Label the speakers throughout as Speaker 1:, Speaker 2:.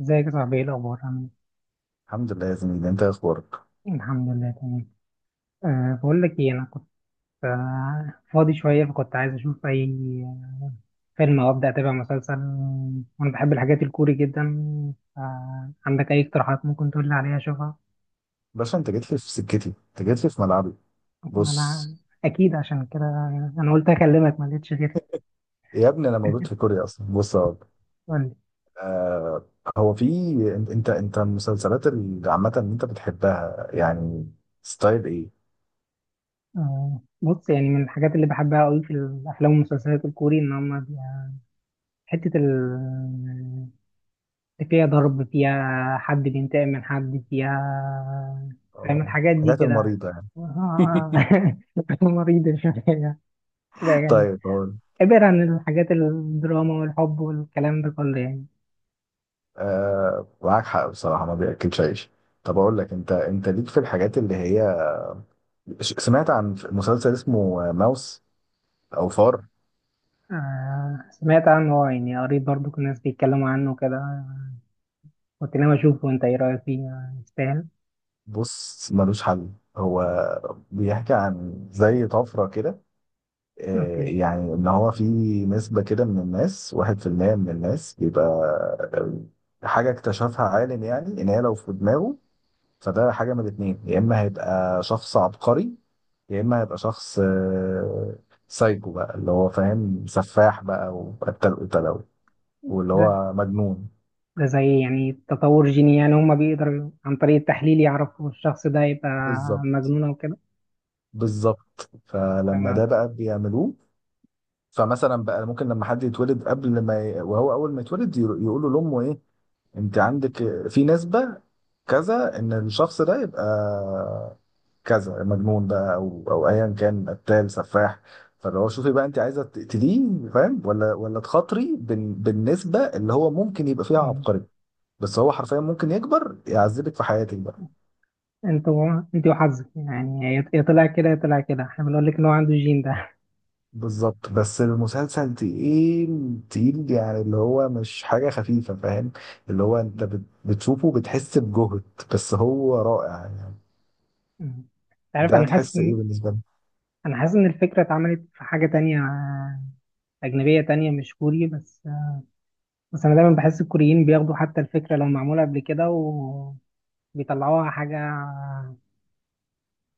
Speaker 1: ازيك يا صاحبي؟ ايه الاخبار؟ عامل
Speaker 2: الحمد لله يا زميلي، انت ايه اخبارك؟
Speaker 1: ايه؟ الحمد لله تمام. بقول لك ايه، انا كنت فاضي شويه، فكنت عايز اشوف اي آه، فيلم او ابدا اتابع مسلسل. وانا بحب الحاجات الكوري جدا. عندك اي اقتراحات ممكن تقول لي عليها اشوفها؟
Speaker 2: باشا، انت جيت لي في سكتي، انت جيت لي في ملعبي.
Speaker 1: ما
Speaker 2: بص،
Speaker 1: انا اكيد عشان كده انا قلت اكلمك، ما لقيتش غيرك.
Speaker 2: يا ابني انا مولود في كوريا اصلا. بص اهو.
Speaker 1: قول لي.
Speaker 2: آه، هو في. انت المسلسلات اللي عامه اللي انت بتحبها يعني ستايل ايه؟
Speaker 1: بص، يعني من الحاجات اللي بحبها قوي في الافلام والمسلسلات الكوري ان هم حته ال فيها ضرب، فيها حد بينتقم من حد، فيها، فاهم
Speaker 2: آه،
Speaker 1: الحاجات دي
Speaker 2: الحاجات
Speaker 1: كده.
Speaker 2: المريضه يعني.
Speaker 1: آه. مريضة شوية، ده يعني
Speaker 2: طيب اقول.
Speaker 1: عبارة عن الحاجات الدراما والحب والكلام ده كله يعني.
Speaker 2: آه، معاك حق بصراحه، ما بياكلش عيش. طب اقول لك، انت ليك في الحاجات اللي هي سمعت عن مسلسل اسمه ماوس، او فار.
Speaker 1: آه سمعت عنه، آه، يعني قريت برضو كل الناس بيتكلموا عنه كده، قلت لهم أشوفه. أنت إيه رأيك فيه؟ آه، يستاهل؟
Speaker 2: بص، ملوش حل هو. بيحكي عن زي طفرة كده. آه،
Speaker 1: أوكي.
Speaker 2: يعني ان هو في نسبة كده من الناس، واحد في المية من الناس بيبقى آه، حاجة اكتشفها عالم. يعني ان هي لو في دماغه فده حاجة من الاتنين: يا اما هيبقى شخص عبقري، يا اما هيبقى شخص آه، سايكو بقى، اللي هو فاهم سفاح بقى وقتل قتلة واللي
Speaker 1: ده
Speaker 2: هو مجنون.
Speaker 1: ده زي يعني تطور جيني، يعني هما بيقدروا عن طريق التحليل يعرفوا الشخص ده يبقى
Speaker 2: بالظبط،
Speaker 1: مجنون أو كده.
Speaker 2: بالظبط. فلما ده
Speaker 1: تمام.
Speaker 2: بقى بيعملوه، فمثلا بقى ممكن لما حد يتولد قبل ما وهو اول ما يتولد يقولوا لامه ايه، انت عندك في نسبة كذا ان الشخص ده يبقى كذا مجنون بقى، او او ايا كان قتال سفاح. فاللي هو شوفي بقى، انت عايزه تقتليه فاهم ولا تخاطري بالنسبه اللي هو ممكن يبقى فيها عبقري، بس هو حرفيا ممكن يكبر يعذبك في حياتك بقى.
Speaker 1: انت و... انت وحظك يعني، يا يا طلع كده يا طلع كده، احنا بنقول لك ان هو عنده الجين ده.
Speaker 2: بالظبط. بس المسلسل تقيل تقيل يعني، اللي هو مش حاجة خفيفة فاهم. اللي هو انت بتشوفه بتحس بجهد، بس هو رائع يعني.
Speaker 1: انت عارف،
Speaker 2: ده
Speaker 1: انا حاسس
Speaker 2: تحس ايه
Speaker 1: ان
Speaker 2: بالنسبة لي.
Speaker 1: انا حاسس ان الفكره اتعملت في حاجه تانية اجنبيه تانية مش كوري بس. بس انا دايما بحس الكوريين بياخدوا حتى الفكره لو معموله قبل كده وبيطلعوها حاجه،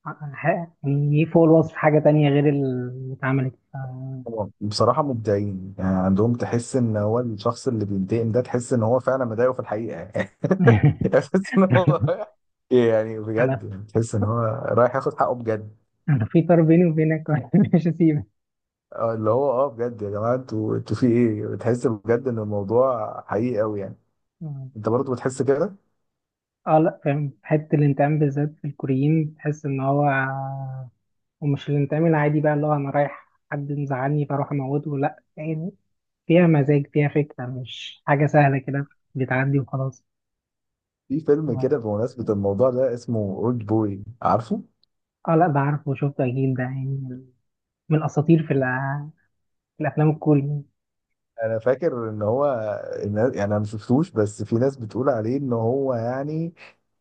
Speaker 1: ح- يعني فوق الوصف، حاجه تانية غير اللي اتعملت ف-
Speaker 2: هو بصراحة مبدعين يعني، عندهم تحس ان هو الشخص اللي بينتقم ده تحس ان هو فعلا مضايقه في الحقيقة يعني. تحس ان هو، يعني بجد
Speaker 1: انا
Speaker 2: يعني، تحس ان هو رايح ياخد حقه بجد.
Speaker 1: انا في طار بيني وبينك، مش هسيبك.
Speaker 2: اه، اللي هو اه بجد يا جماعة، انتوا في ايه؟ بتحس بجد ان الموضوع حقيقي قوي يعني. انت برضه بتحس كده؟
Speaker 1: اه لا، فاهم، حتة الانتقام بالذات في الكوريين تحس ان هو، ومش الانتقام العادي بقى اللي هو انا رايح حد مزعلني فاروح اموته، لا يعني فيها مزاج، فيها فكرة، مش حاجة سهلة كده بتعدي وخلاص.
Speaker 2: في فيلم
Speaker 1: اه
Speaker 2: كده بمناسبة الموضوع ده اسمه اولد بوي، عارفه؟
Speaker 1: آه، لا بعرف، وشفته اكيد ده يعني من الاساطير في، الأ- في الافلام الكورية.
Speaker 2: انا فاكر ان هو الناس يعني، انا ما شفتوش، بس في ناس بتقول عليه ان هو يعني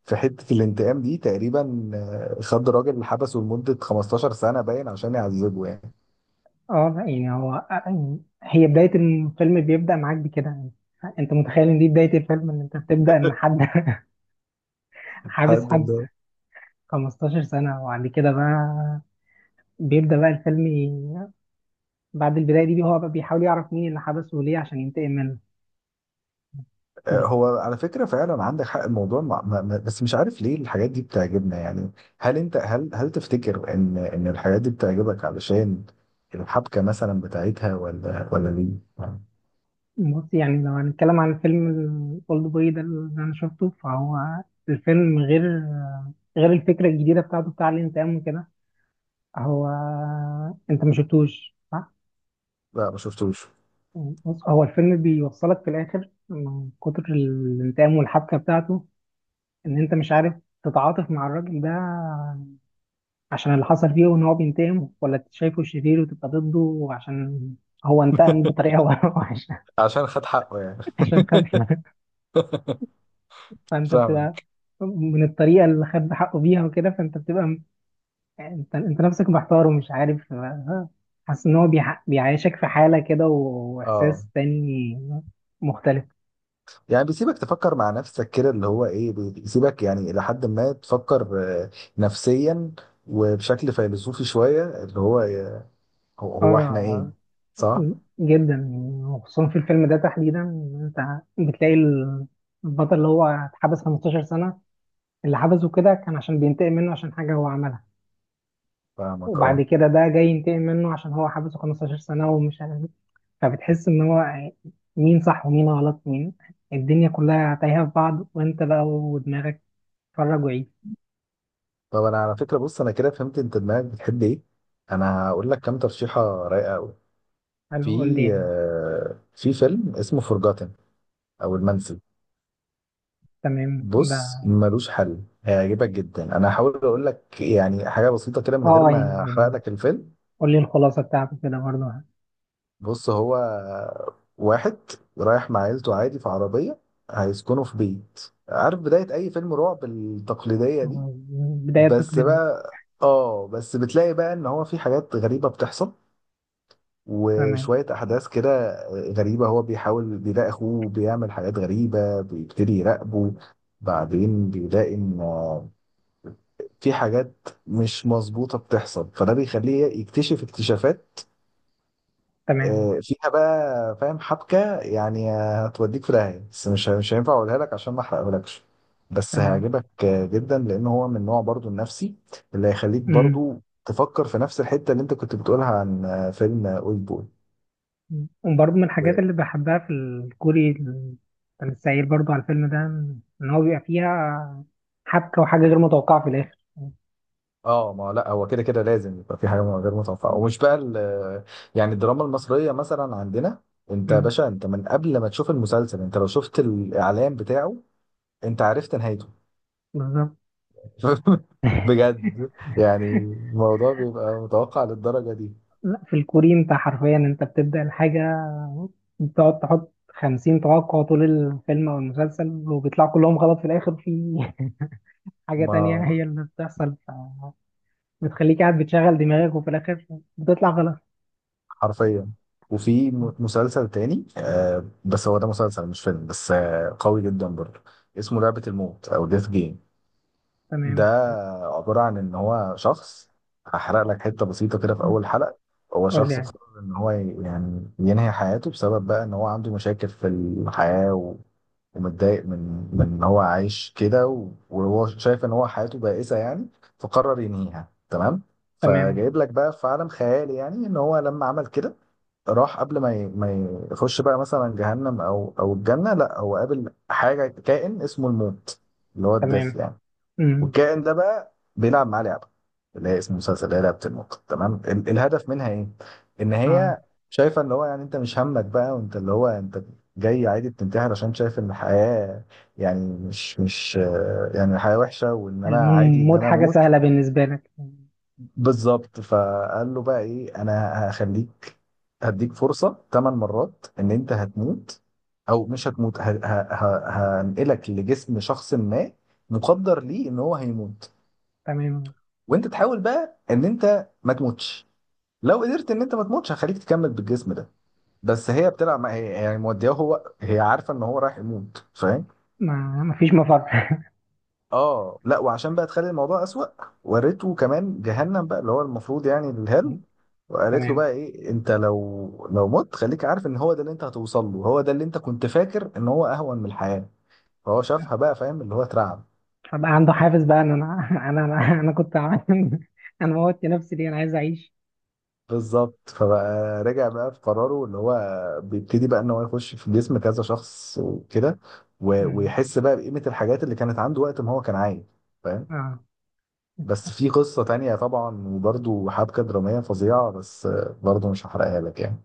Speaker 2: في حتة الانتقام دي تقريبا آه، خد راجل حبسه لمدة 15 سنة باين عشان يعذبه يعني.
Speaker 1: اه لا يعني هو آه، يعني هي بداية الفيلم بيبدأ معاك بكده يعني. انت متخيل ان دي بداية الفيلم، ان انت بتبدأ ان حد حابس
Speaker 2: حد
Speaker 1: حد
Speaker 2: ده
Speaker 1: 15 سنة؟ وبعد كده بقى بيبدأ بقى الفيلم ي- بعد البداية دي هو بقى بيحاول يعرف مين اللي حبسه وليه عشان ينتقم منه.
Speaker 2: آه،
Speaker 1: بت-
Speaker 2: هو على فكرة فعلا عندك حق. الموضوع مع... ما... ما- بس مش عارف ليه الحاجات دي بتعجبنا يعني. هل انت هل هل تفتكر ان الحاجات دي بتعجبك علشان الحبكة مثلا بتاعتها، ولا ليه؟
Speaker 1: بص يعني لو هنتكلم عن الفيلم الأولد بوي ده اللي أنا شفته، فهو الفيلم غير غير الفكرة الجديدة بتاعته بتاع الانتقام وكده، هو، أنت ما شفتوش صح؟
Speaker 2: لا، ما شفتوش.
Speaker 1: بص، هو الفيلم بيوصلك في الآخر من كتر الانتقام والحبكة بتاعته إن أنت مش عارف تتعاطف مع الراجل ده عشان اللي حصل فيه وان هو بينتقم، ولا أنت شايفه شرير وتبقى ضده عشان هو انتقم بطريقه وحشه.
Speaker 2: عشان خد حقه يعني.
Speaker 1: عشان خد. فانت بتبقى
Speaker 2: فاهمك،
Speaker 1: من الطريقه اللي خد حقه بيها وكده، فانت بتبقى م- انت نفسك محتار ومش عارف آه، حاسس ان هو بيع- بيعيشك في حاله كده
Speaker 2: اه.
Speaker 1: واحساس تاني مختلف.
Speaker 2: يعني بيسيبك تفكر مع نفسك كده، اللي هو ايه بيسيبك يعني الى حد ما تفكر آه، نفسيا وبشكل فيلسوفي شويه، اللي هو آه، هو احنا ايه؟
Speaker 1: اه،
Speaker 2: صح.
Speaker 1: جدا. وخصوصا في الفيلم ده تحديدا انت بتلاقي البطل اللي هو اتحبس 15 سنه، اللي حبسه كده كان عشان بينتقم منه عشان حاجة هو عملها،
Speaker 2: فاهمك،
Speaker 1: وبعد
Speaker 2: اه.
Speaker 1: كده ده جاي ينتقم منه عشان هو حبسه 15 سنة ومش عارف إيه. فبتحس إن هو مين صح ومين غلط، مين، الدنيا كلها تايهة في بعض، وأنت بقى ودماغك اتفرج وعيد.
Speaker 2: طب انا على فكره، بص انا كده فهمت انت دماغك بتحب ايه. انا هقول لك كام ترشيحه رايقه قوي.
Speaker 1: حلو، قول لي
Speaker 2: في
Speaker 1: يعني.
Speaker 2: آه، في فيلم اسمه فورجاتن، او المنسي.
Speaker 1: تمام ده.
Speaker 2: بص، ملوش حل، هيعجبك جدا. انا هحاول اقول لك يعني حاجه بسيطه كده من
Speaker 1: اه
Speaker 2: غير
Speaker 1: آه،
Speaker 2: ما احرق
Speaker 1: يعني
Speaker 2: لك الفيلم.
Speaker 1: قول لي الخلاصة بتاعته كده برضه.
Speaker 2: بص، هو واحد رايح مع عيلته عادي في عربيه، هيسكنوا في بيت، عارف بدايه اي فيلم رعب التقليديه دي.
Speaker 1: آه، بداية
Speaker 2: بس
Speaker 1: تقليدية.
Speaker 2: بقى اه، بس بتلاقي بقى ان هو في حاجات غريبه بتحصل
Speaker 1: تمام.
Speaker 2: وشويه احداث كده غريبه. هو بيحاول، بيلاقي اخوه بيعمل حاجات غريبه، بيبتدي يراقبه. بعدين بيلاقي ان في حاجات مش مظبوطة بتحصل، فده بيخليه يكتشف اكتشافات
Speaker 1: تمام.
Speaker 2: آه، فيها بقى فاهم حبكة يعني آه، هتوديك في داهية. بس مش مش هينفع اقولها لك عشان ما احرقهولكش. بس
Speaker 1: تمام.
Speaker 2: هيعجبك آه، جدا، لان هو من نوع برضو النفسي اللي هيخليك
Speaker 1: مم.
Speaker 2: برضو تفكر في نفس الحتة اللي انت كنت بتقولها عن آه، فيلم اولد بوي.
Speaker 1: مم. وبرضه من الحاجات اللي بحبها في الكوري كان السعير برضه على الفيلم ده، إن هو بيبقى فيها حبكة وحاجة غير متوقعة في الآخر.
Speaker 2: اه، ما لا هو كده كده لازم يبقى في حاجه غير متوقعه. ومش بقى يعني الدراما المصريه مثلا عندنا، انت يا
Speaker 1: مم.
Speaker 2: باشا، انت من قبل ما تشوف المسلسل، انت لو شفت الاعلان بتاعه انت عرفت نهايته.
Speaker 1: بالظبط.
Speaker 2: بجد. يعني الموضوع بيبقى متوقع للدرجه دي.
Speaker 1: لا في الكوري أنت حرفيا أنت بتبدأ الحاجة بتقعد تحط خمسين توقع طول الفيلم أو المسلسل وبيطلعوا كلهم غلط في الآخر، في حاجة تانية
Speaker 2: ما
Speaker 1: هي اللي بتحصل ف- بتخليك قاعد بتشغل دماغك وفي الآخر بتطلع غلط.
Speaker 2: حرفيا. وفي مسلسل تاني آه، بس هو ده مسلسل مش فيلم، بس آه قوي جدا برضه، اسمه لعبه الموت او ديث جيم. ده
Speaker 1: تمام.
Speaker 2: عبارة عن إن هو شخص، هحرق لك حتة بسيطة كده في أول حلقة. هو
Speaker 1: قول لي
Speaker 2: شخص
Speaker 1: يعني.
Speaker 2: قرر إن هو يعني ينهي حياته، بسبب بقى إن هو عنده مشاكل في الحياة و... ومتضايق من إن هو عايش كده، و... وهو شايف إن هو حياته بائسة يعني، فقرر ينهيها. تمام.
Speaker 1: تمام.
Speaker 2: فجايب لك بقى في عالم خيالي يعني، إن هو لما عمل كده راح قبل ما يخش بقى مثلا جهنم أو الجنة، لا هو قابل حاجة، كائن اسمه الموت، اللي هو الدث
Speaker 1: تمام.
Speaker 2: يعني.
Speaker 1: امم.
Speaker 2: والكائن ده بقى بيلعب معاه لعبه، اللي هي اسم المسلسل، اللي هي لعبه النقط. تمام. الهدف منها ايه؟ ان هي شايفه اللي هو يعني انت مش همك بقى، وانت اللي هو انت جاي عادي بتنتحر عشان شايف ان الحياه يعني مش مش آه، يعني الحياه وحشه، وان انا عادي ان
Speaker 1: الموت
Speaker 2: انا
Speaker 1: حاجة
Speaker 2: اموت.
Speaker 1: سهلة بالنسبة لك.
Speaker 2: بالظبط. فقال له بقى ايه، انا هخليك، هديك فرصه ثمان مرات. ان انت هتموت او مش هتموت، هنقلك لجسم شخص ما مقدر ليه ان هو هيموت،
Speaker 1: تمام.
Speaker 2: وانت تحاول بقى ان انت ما تموتش. لو قدرت ان انت ما تموتش، هخليك تكمل بالجسم ده. بس هي بتلعب مع هي يعني مودياه، هو هي عارفه ان هو رايح يموت فاهم.
Speaker 1: ما ما فيش مفر.
Speaker 2: اه لا. وعشان بقى تخلي الموضوع اسوأ، وريته كمان جهنم بقى، اللي هو المفروض يعني الهل. وقالت له
Speaker 1: تمام.
Speaker 2: بقى ايه، انت لو مت خليك عارف ان هو ده اللي انت هتوصل له. هو ده اللي انت كنت فاكر ان هو اهون من الحياه. فهو شافها بقى فاهم، اللي هو اترعب.
Speaker 1: فبقى عنده حافز بقى ان انا انا أنا كنت عامل انا موتت نفسي ليه، انا عايز اعيش.
Speaker 2: بالظبط. فبقى رجع بقى في قراره، اللي هو بيبتدي بقى ان هو يخش في جسم كذا شخص وكده،
Speaker 1: مم.
Speaker 2: ويحس بقى بقيمة الحاجات اللي كانت عنده وقت ما هو كان عايش، فاهم.
Speaker 1: اه
Speaker 2: بس في قصة تانية طبعا، وبرده حبكة درامية فظيعة، بس برضه مش هحرقها لك يعني.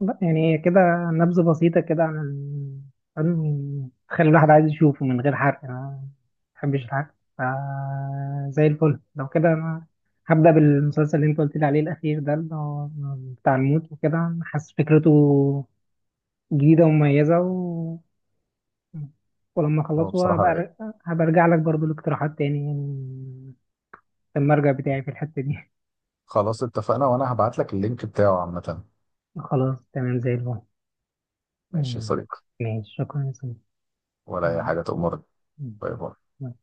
Speaker 1: لا، يعني كده نبذة بسيطة كده عن ال- عن- تخلي الواحد عايز يشوفه من غير حرق، انا ما بحبش الحرق فا زي الفل. لو كده انا هبدأ بالمسلسل اللي انت قلت لي عليه الأخير ده اللي هو بتاع الموت وكده، حاسس فكرته جديدة ومميزة و... ولما
Speaker 2: هو
Speaker 1: أخلصه
Speaker 2: بصراحة
Speaker 1: هبقى
Speaker 2: رايق.
Speaker 1: أر- هبقى أرجع لك برضو الاقتراحات تاني يعني، في المرجع بتاعي في الحتة دي.
Speaker 2: خلاص اتفقنا، وانا هبعت لك اللينك بتاعه عامة.
Speaker 1: خلاص تمام زي الفل.
Speaker 2: ماشي يا
Speaker 1: مم.
Speaker 2: صديقي.
Speaker 1: ماشي، شكرا يا سيدي.
Speaker 2: ولا اي
Speaker 1: مم.
Speaker 2: حاجة، تأمرك. باي باي.
Speaker 1: مم.